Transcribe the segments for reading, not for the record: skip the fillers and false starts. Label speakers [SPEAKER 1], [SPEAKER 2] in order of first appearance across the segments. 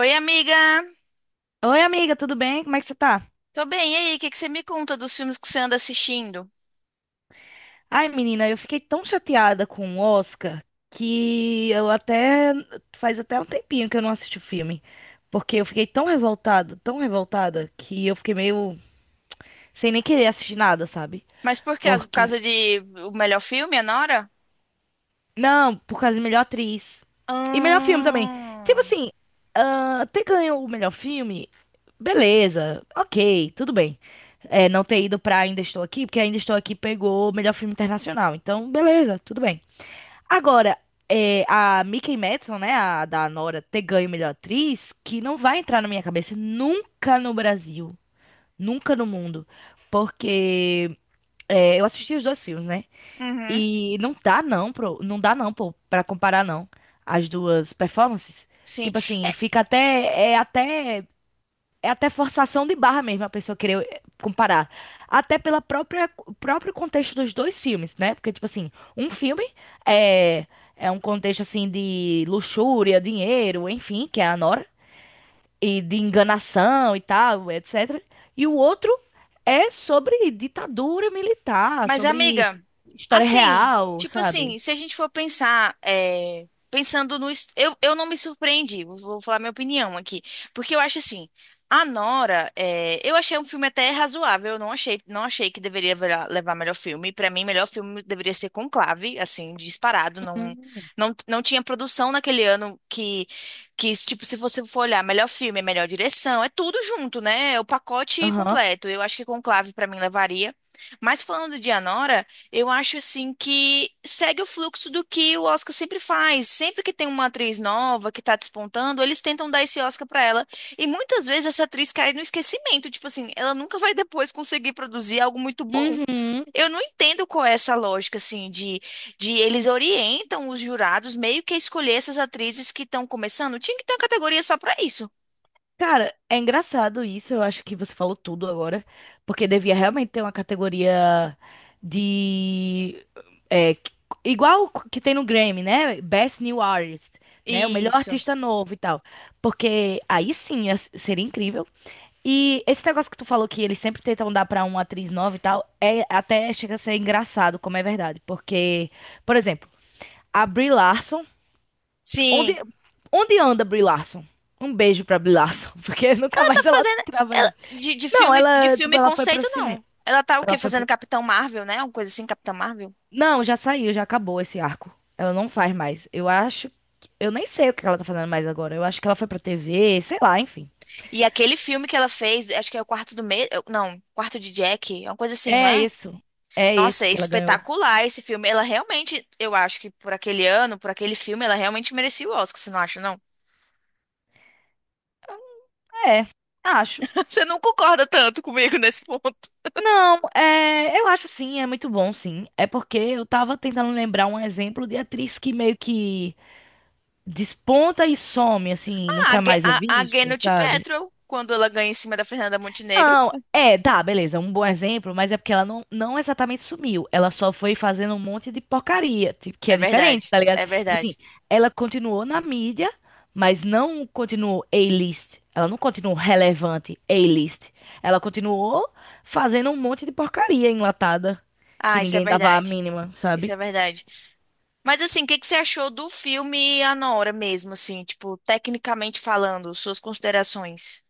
[SPEAKER 1] Oi, amiga!
[SPEAKER 2] Oi, amiga, tudo bem? Como é que você tá?
[SPEAKER 1] Tô bem, e aí? O que que você me conta dos filmes que você anda assistindo?
[SPEAKER 2] Ai, menina, eu fiquei tão chateada com o Oscar que eu até faz até um tempinho que eu não assisti o filme, porque eu fiquei tão revoltada que eu fiquei meio sem nem querer assistir nada, sabe?
[SPEAKER 1] Mas por quê? Por
[SPEAKER 2] Porque
[SPEAKER 1] causa de o melhor filme, Anora?
[SPEAKER 2] não, por causa de melhor atriz e melhor filme também. Tipo
[SPEAKER 1] Ah,
[SPEAKER 2] assim, ah, ter ganho o melhor filme, beleza, ok, tudo bem. É, não ter ido pra Ainda Estou Aqui, porque Ainda Estou Aqui pegou o melhor filme internacional. Então, beleza, tudo bem. Agora, a Mikey Madison, né, a da Nora, ter ganho melhor atriz, que não vai entrar na minha cabeça nunca no Brasil, nunca no mundo, porque eu assisti os dois filmes, né?
[SPEAKER 1] uhum,
[SPEAKER 2] E não dá não, não dá não, pô, pra comparar não as duas performances.
[SPEAKER 1] sim.
[SPEAKER 2] Tipo assim, fica até é até é até forçação de barra mesmo a pessoa querer comparar. Até pela própria próprio contexto dos dois filmes, né? Porque, tipo assim, um filme é, é um contexto, assim, de luxúria, dinheiro, enfim, que é a Nora, e de enganação e tal, etc. E o outro é sobre ditadura militar,
[SPEAKER 1] Mas,
[SPEAKER 2] sobre
[SPEAKER 1] amiga,
[SPEAKER 2] história
[SPEAKER 1] assim,
[SPEAKER 2] real,
[SPEAKER 1] tipo assim,
[SPEAKER 2] sabe?
[SPEAKER 1] se a gente for pensar, pensando no. Eu não me surpreendi, vou falar minha opinião aqui. Porque eu acho assim, a Nora, eu achei um filme até razoável, eu não achei, não achei que deveria levar melhor filme. Pra mim, melhor filme deveria ser Conclave, assim, disparado. Não,
[SPEAKER 2] Hum.
[SPEAKER 1] não, não tinha produção naquele ano que, tipo, se você for olhar, melhor filme, melhor direção, é tudo junto, né? É o pacote
[SPEAKER 2] Aham.
[SPEAKER 1] completo. Eu acho que Conclave, pra mim, levaria. Mas falando de Anora, eu acho assim que segue o fluxo do que o Oscar sempre faz. Sempre que tem uma atriz nova que tá despontando, eles tentam dar esse Oscar pra ela. E muitas vezes essa atriz cai no esquecimento, tipo assim, ela nunca vai depois conseguir produzir algo muito bom.
[SPEAKER 2] Uhum.
[SPEAKER 1] Eu não entendo qual é essa lógica assim de eles orientam os jurados meio que a escolher essas atrizes que estão começando. Tinha que ter uma categoria só pra isso.
[SPEAKER 2] Cara, é engraçado isso, eu acho que você falou tudo agora, porque devia realmente ter uma categoria de é, igual que tem no Grammy, né? Best New Artist, né? O melhor
[SPEAKER 1] Isso.
[SPEAKER 2] artista novo e tal. Porque aí sim seria incrível. E esse negócio que tu falou que eles sempre tentam dar pra uma atriz nova e tal, é até chega a ser engraçado, como é verdade, porque, por exemplo, a Brie Larson. Onde,
[SPEAKER 1] Sim.
[SPEAKER 2] onde anda Brie Larson? Um beijo pra Brie Larson, porque nunca
[SPEAKER 1] Tá
[SPEAKER 2] mais ela
[SPEAKER 1] fazendo
[SPEAKER 2] trabalhou.
[SPEAKER 1] de
[SPEAKER 2] Não,
[SPEAKER 1] filme de
[SPEAKER 2] ela, tipo,
[SPEAKER 1] filme
[SPEAKER 2] ela foi pro
[SPEAKER 1] conceito
[SPEAKER 2] cinema.
[SPEAKER 1] não. Ela tá o
[SPEAKER 2] Ela
[SPEAKER 1] quê?
[SPEAKER 2] foi
[SPEAKER 1] Fazendo
[SPEAKER 2] pro.
[SPEAKER 1] Capitão Marvel, né? Uma coisa assim, Capitão Marvel.
[SPEAKER 2] Não, já saiu, já acabou esse arco. Ela não faz mais. Eu acho. Eu nem sei o que ela tá fazendo mais agora. Eu acho que ela foi pra TV, sei lá, enfim.
[SPEAKER 1] E aquele filme que ela fez, acho que é o Quarto do Medo, não, Quarto de Jack, é uma coisa assim, não
[SPEAKER 2] É
[SPEAKER 1] é?
[SPEAKER 2] isso. É
[SPEAKER 1] Nossa,
[SPEAKER 2] esse
[SPEAKER 1] é
[SPEAKER 2] que ela ganhou.
[SPEAKER 1] espetacular esse filme. Ela realmente, eu acho que por aquele ano, por aquele filme, ela realmente merecia o Oscar, você não acha, não?
[SPEAKER 2] É, acho.
[SPEAKER 1] Você não concorda tanto comigo nesse ponto.
[SPEAKER 2] Não, é, eu acho sim, é muito bom, sim. É porque eu tava tentando lembrar um exemplo de atriz que meio que desponta e some, assim,
[SPEAKER 1] Ah, a,
[SPEAKER 2] nunca
[SPEAKER 1] Ge-
[SPEAKER 2] mais é
[SPEAKER 1] a, a
[SPEAKER 2] vista,
[SPEAKER 1] Gwyneth
[SPEAKER 2] sabe?
[SPEAKER 1] Paltrow, quando ela ganha em cima da Fernanda Montenegro,
[SPEAKER 2] Não, é, tá, beleza, um bom exemplo, mas é porque ela não, não exatamente sumiu. Ela só foi fazendo um monte de porcaria, tipo, que
[SPEAKER 1] é
[SPEAKER 2] é diferente,
[SPEAKER 1] verdade.
[SPEAKER 2] tá ligado?
[SPEAKER 1] É
[SPEAKER 2] Tipo assim,
[SPEAKER 1] verdade.
[SPEAKER 2] ela continuou na mídia, mas não continuou A-list. Ela não continuou relevante A-list. Ela continuou fazendo um monte de porcaria enlatada, que
[SPEAKER 1] Ah, isso é
[SPEAKER 2] ninguém dava a
[SPEAKER 1] verdade.
[SPEAKER 2] mínima,
[SPEAKER 1] Isso é
[SPEAKER 2] sabe?
[SPEAKER 1] verdade. Mas assim, o que que você achou do filme Anora mesmo, assim, tipo, tecnicamente falando, suas considerações?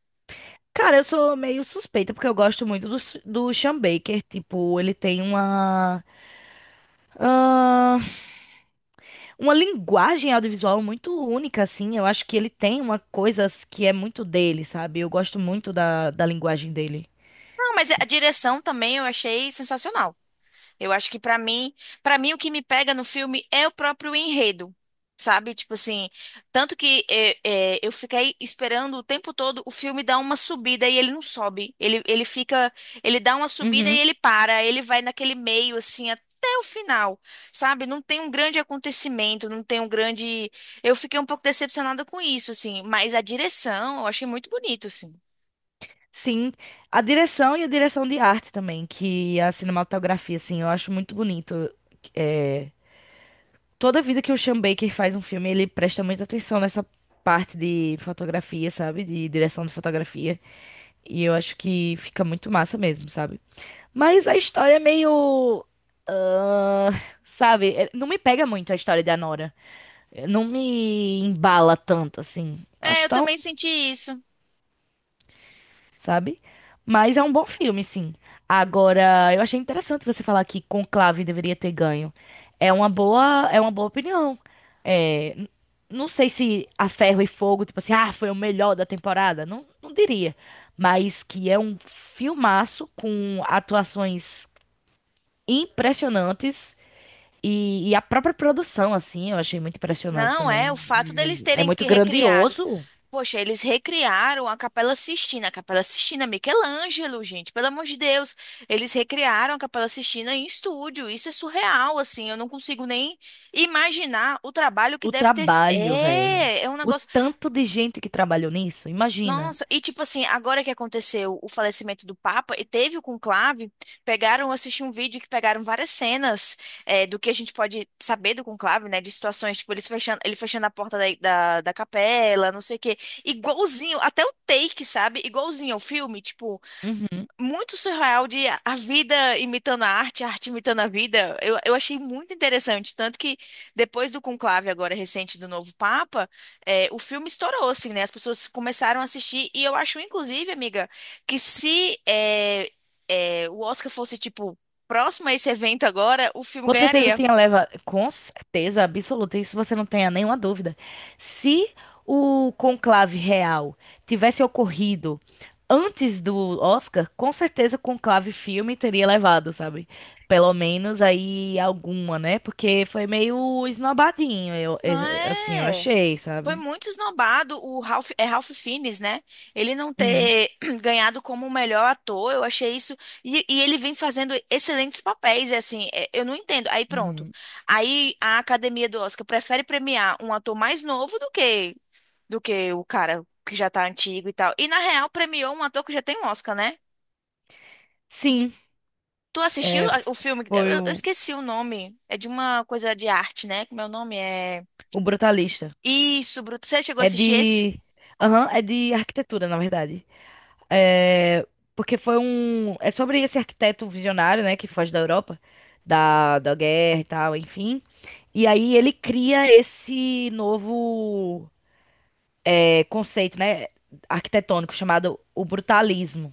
[SPEAKER 2] Cara, eu sou meio suspeita porque eu gosto muito do Sean Baker. Tipo, ele tem ah, uma linguagem audiovisual muito única, assim. Eu acho que ele tem uma coisa que é muito dele, sabe? Eu gosto muito da linguagem dele.
[SPEAKER 1] Não, mas a direção também eu achei sensacional. Eu acho que pra mim, para mim o que me pega no filme é o próprio enredo, sabe? Tipo assim, tanto que eu fiquei esperando o tempo todo o filme dar uma subida e ele não sobe. Ele fica, ele dá uma subida e
[SPEAKER 2] Uhum.
[SPEAKER 1] ele para, ele vai naquele meio assim até o final, sabe? Não tem um grande acontecimento, não tem um grande. Eu fiquei um pouco decepcionada com isso, assim, mas a direção eu achei muito bonito, assim.
[SPEAKER 2] Sim. A direção e a direção de arte também, que a cinematografia, assim, eu acho muito bonito. É, toda vida que o Sean Baker faz um filme, ele presta muita atenção nessa parte de fotografia, sabe? De direção de fotografia. E eu acho que fica muito massa mesmo, sabe? Mas a história é meio. ah, sabe? É, não me pega muito a história da Nora. Não me embala tanto, assim.
[SPEAKER 1] É,
[SPEAKER 2] Acho
[SPEAKER 1] eu
[SPEAKER 2] tão,
[SPEAKER 1] também senti isso.
[SPEAKER 2] sabe? Mas é um bom filme, sim. Agora, eu achei interessante você falar que Conclave deveria ter ganho. É uma boa opinião. É, não sei se A Ferro e Fogo, tipo assim, foi o melhor da temporada. Não, não diria. Mas que é um filmaço com atuações impressionantes e a própria produção, assim, eu achei muito impressionante
[SPEAKER 1] Não, é o
[SPEAKER 2] também.
[SPEAKER 1] fato deles
[SPEAKER 2] É
[SPEAKER 1] terem
[SPEAKER 2] muito
[SPEAKER 1] que recriado.
[SPEAKER 2] grandioso.
[SPEAKER 1] Poxa, eles recriaram a Capela Sistina. A Capela Sistina, é Michelangelo, gente, pelo amor de Deus. Eles recriaram a Capela Sistina em estúdio. Isso é surreal, assim. Eu não consigo nem imaginar o trabalho que
[SPEAKER 2] O
[SPEAKER 1] deve ter.
[SPEAKER 2] trabalho, velho.
[SPEAKER 1] É, é um
[SPEAKER 2] O
[SPEAKER 1] negócio
[SPEAKER 2] tanto de gente que trabalhou nisso, imagina.
[SPEAKER 1] nossa, e tipo assim, agora que aconteceu o falecimento do Papa, e teve o conclave, pegaram, eu assisti um vídeo que pegaram várias cenas do que a gente pode saber do conclave, né? De situações, tipo, eles fechando, ele fechando a porta da capela, não sei o quê. Igualzinho, até o take, sabe? Igualzinho ao filme, tipo,
[SPEAKER 2] Uhum.
[SPEAKER 1] muito surreal de a vida imitando a arte imitando a vida. Eu achei muito interessante. Tanto que depois do conclave agora recente do novo Papa, o filme estourou, assim, né? As pessoas começaram a assistir. E eu acho, inclusive, amiga, que se o Oscar fosse, tipo, próximo a esse evento agora, o filme
[SPEAKER 2] Com certeza
[SPEAKER 1] ganharia.
[SPEAKER 2] tinha leva, com certeza absoluta, isso você não tenha nenhuma dúvida. Se o conclave real tivesse ocorrido antes do Oscar, com certeza o conclave filme teria levado, sabe? Pelo menos aí alguma, né? Porque foi meio esnobadinho,
[SPEAKER 1] Não
[SPEAKER 2] assim, eu
[SPEAKER 1] é?
[SPEAKER 2] achei,
[SPEAKER 1] Foi
[SPEAKER 2] sabe?
[SPEAKER 1] muito esnobado o Ralph, é Ralph Fiennes, né? Ele não
[SPEAKER 2] Uhum,
[SPEAKER 1] ter ganhado como o melhor ator, eu achei isso. E ele vem fazendo excelentes papéis, e assim, é, eu não entendo. Aí pronto.
[SPEAKER 2] uhum.
[SPEAKER 1] Aí a academia do Oscar prefere premiar um ator mais novo do que o cara que já tá antigo e tal. E na real premiou um ator que já tem um Oscar, né?
[SPEAKER 2] Sim,
[SPEAKER 1] Tu assistiu
[SPEAKER 2] é, f-
[SPEAKER 1] o filme?
[SPEAKER 2] foi
[SPEAKER 1] Eu
[SPEAKER 2] o
[SPEAKER 1] esqueci o nome. É de uma coisa de arte, né? Como é o nome? É.
[SPEAKER 2] O Brutalista.
[SPEAKER 1] Isso, Bruto. Você chegou a
[SPEAKER 2] É
[SPEAKER 1] assistir esse?
[SPEAKER 2] de. Aham, é de arquitetura, na verdade. É. Porque foi um. É sobre esse arquiteto visionário, né? Que foge da Europa, da guerra e tal, enfim. E aí ele cria esse novo conceito, né? Arquitetônico chamado o brutalismo.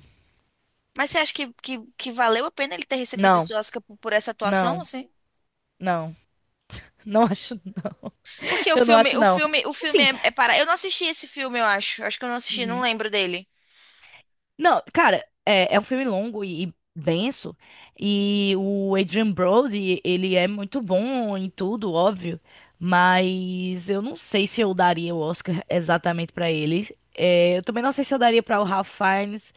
[SPEAKER 1] Mas você acha que valeu a pena ele ter recebido
[SPEAKER 2] Não,
[SPEAKER 1] esse Oscar por essa atuação,
[SPEAKER 2] não,
[SPEAKER 1] assim?
[SPEAKER 2] não. Não acho.
[SPEAKER 1] Porque
[SPEAKER 2] Eu não acho, não.
[SPEAKER 1] o filme
[SPEAKER 2] Assim.
[SPEAKER 1] é, é para. Eu não assisti esse filme, eu acho. Acho que eu não assisti, não lembro dele.
[SPEAKER 2] Não, cara, é um filme longo e denso. E o Adrian Brody, ele é muito bom em tudo, óbvio. Mas eu não sei se eu daria o Oscar exatamente pra ele. É, eu também não sei se eu daria pra o Ralph Fiennes.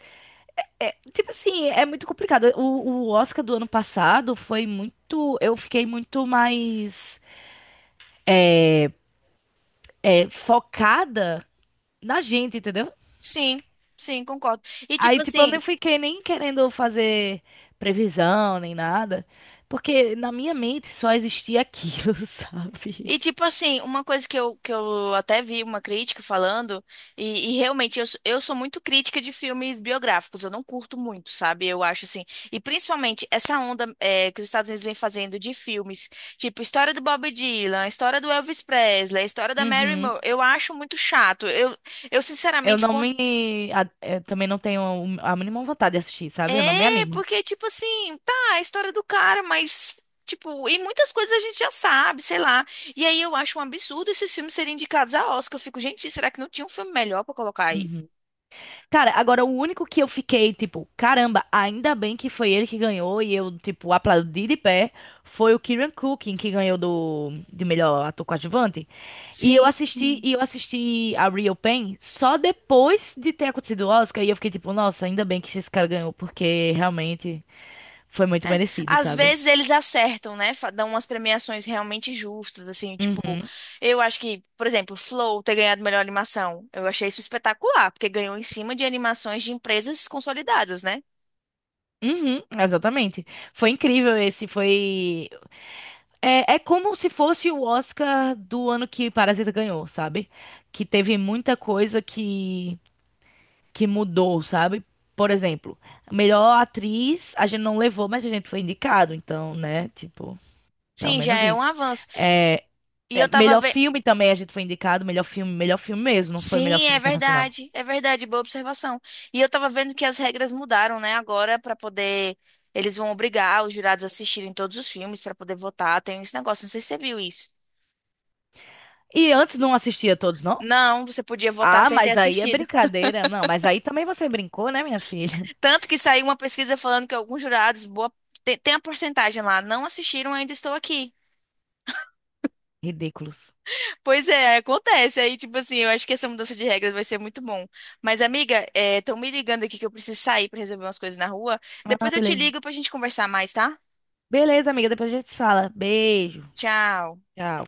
[SPEAKER 2] É, tipo assim, é muito complicado. O Oscar do ano passado foi muito. Eu fiquei muito mais focada na gente, entendeu?
[SPEAKER 1] Sim, sim, concordo. E tipo
[SPEAKER 2] Aí, tipo, eu nem
[SPEAKER 1] assim,
[SPEAKER 2] fiquei nem querendo fazer previsão nem nada, porque na minha mente só existia aquilo, sabe?
[SPEAKER 1] e tipo assim, uma coisa que eu até vi uma crítica falando, e realmente eu, eu sou muito crítica de filmes biográficos, eu não curto muito, sabe? Eu acho assim. E principalmente essa onda que os Estados Unidos vem fazendo de filmes, tipo história do Bob Dylan, história do Elvis Presley, história da Mary
[SPEAKER 2] Uhum.
[SPEAKER 1] Moore, eu acho muito chato. Eu
[SPEAKER 2] Eu
[SPEAKER 1] sinceramente,
[SPEAKER 2] não me. a- eu também não tenho a mínima vontade de assistir, sabe? Eu não me
[SPEAKER 1] é,
[SPEAKER 2] animo.
[SPEAKER 1] porque, tipo assim, tá, a história do cara, mas, tipo, e muitas coisas a gente já sabe, sei lá. E aí eu acho um absurdo esses filmes serem indicados a Oscar. Eu fico, gente, será que não tinha um filme melhor pra colocar aí?
[SPEAKER 2] Uhum. Cara, agora o único que eu fiquei, tipo, caramba, ainda bem que foi ele que ganhou e eu, tipo, aplaudi de pé, foi o Kieran Culkin que ganhou do de melhor ator coadjuvante. E eu
[SPEAKER 1] Sim.
[SPEAKER 2] assisti, e eu assisti a Real Pain só depois de ter acontecido o Oscar e eu fiquei tipo, nossa, ainda bem que esse cara ganhou, porque realmente foi muito merecido,
[SPEAKER 1] Às
[SPEAKER 2] sabe?
[SPEAKER 1] vezes eles acertam, né? Dão umas premiações realmente justas, assim, tipo,
[SPEAKER 2] Uhum.
[SPEAKER 1] eu acho que, por exemplo, Flow ter ganhado melhor animação, eu achei isso espetacular, porque ganhou em cima de animações de empresas consolidadas, né?
[SPEAKER 2] Uhum, exatamente. Foi incrível esse. É como se fosse o Oscar do ano que Parasita ganhou, sabe? Que teve muita coisa que mudou, sabe? Por exemplo, melhor atriz a gente não levou, mas a gente foi indicado, então, né? Tipo, pelo
[SPEAKER 1] Sim, já
[SPEAKER 2] menos
[SPEAKER 1] é um
[SPEAKER 2] isso.
[SPEAKER 1] avanço.
[SPEAKER 2] É,
[SPEAKER 1] E
[SPEAKER 2] é,
[SPEAKER 1] eu tava
[SPEAKER 2] melhor filme também a gente foi indicado, melhor filme mesmo, não foi melhor
[SPEAKER 1] sim,
[SPEAKER 2] filme internacional.
[SPEAKER 1] é verdade, boa observação. E eu tava vendo que as regras mudaram, né, agora para poder eles vão obrigar os jurados a assistirem todos os filmes para poder votar, tem esse negócio, não sei se você viu isso.
[SPEAKER 2] E antes não assistia todos, não?
[SPEAKER 1] Não, você podia votar
[SPEAKER 2] Ah,
[SPEAKER 1] sem ter
[SPEAKER 2] mas aí é
[SPEAKER 1] assistido.
[SPEAKER 2] brincadeira. Não, mas aí também você brincou, né, minha filha?
[SPEAKER 1] Tanto que saiu uma pesquisa falando que alguns jurados, boa tem, tem a porcentagem lá, não assistiram, ainda estou aqui.
[SPEAKER 2] Ridículos.
[SPEAKER 1] Pois é, acontece. Aí, tipo assim, eu acho que essa mudança de regras vai ser muito bom. Mas, amiga, estão me ligando aqui que eu preciso sair para resolver umas coisas na rua.
[SPEAKER 2] Ah,
[SPEAKER 1] Depois eu te
[SPEAKER 2] beleza.
[SPEAKER 1] ligo pra gente conversar mais, tá?
[SPEAKER 2] Beleza, amiga, depois a gente se fala. Beijo.
[SPEAKER 1] Tchau.
[SPEAKER 2] Já.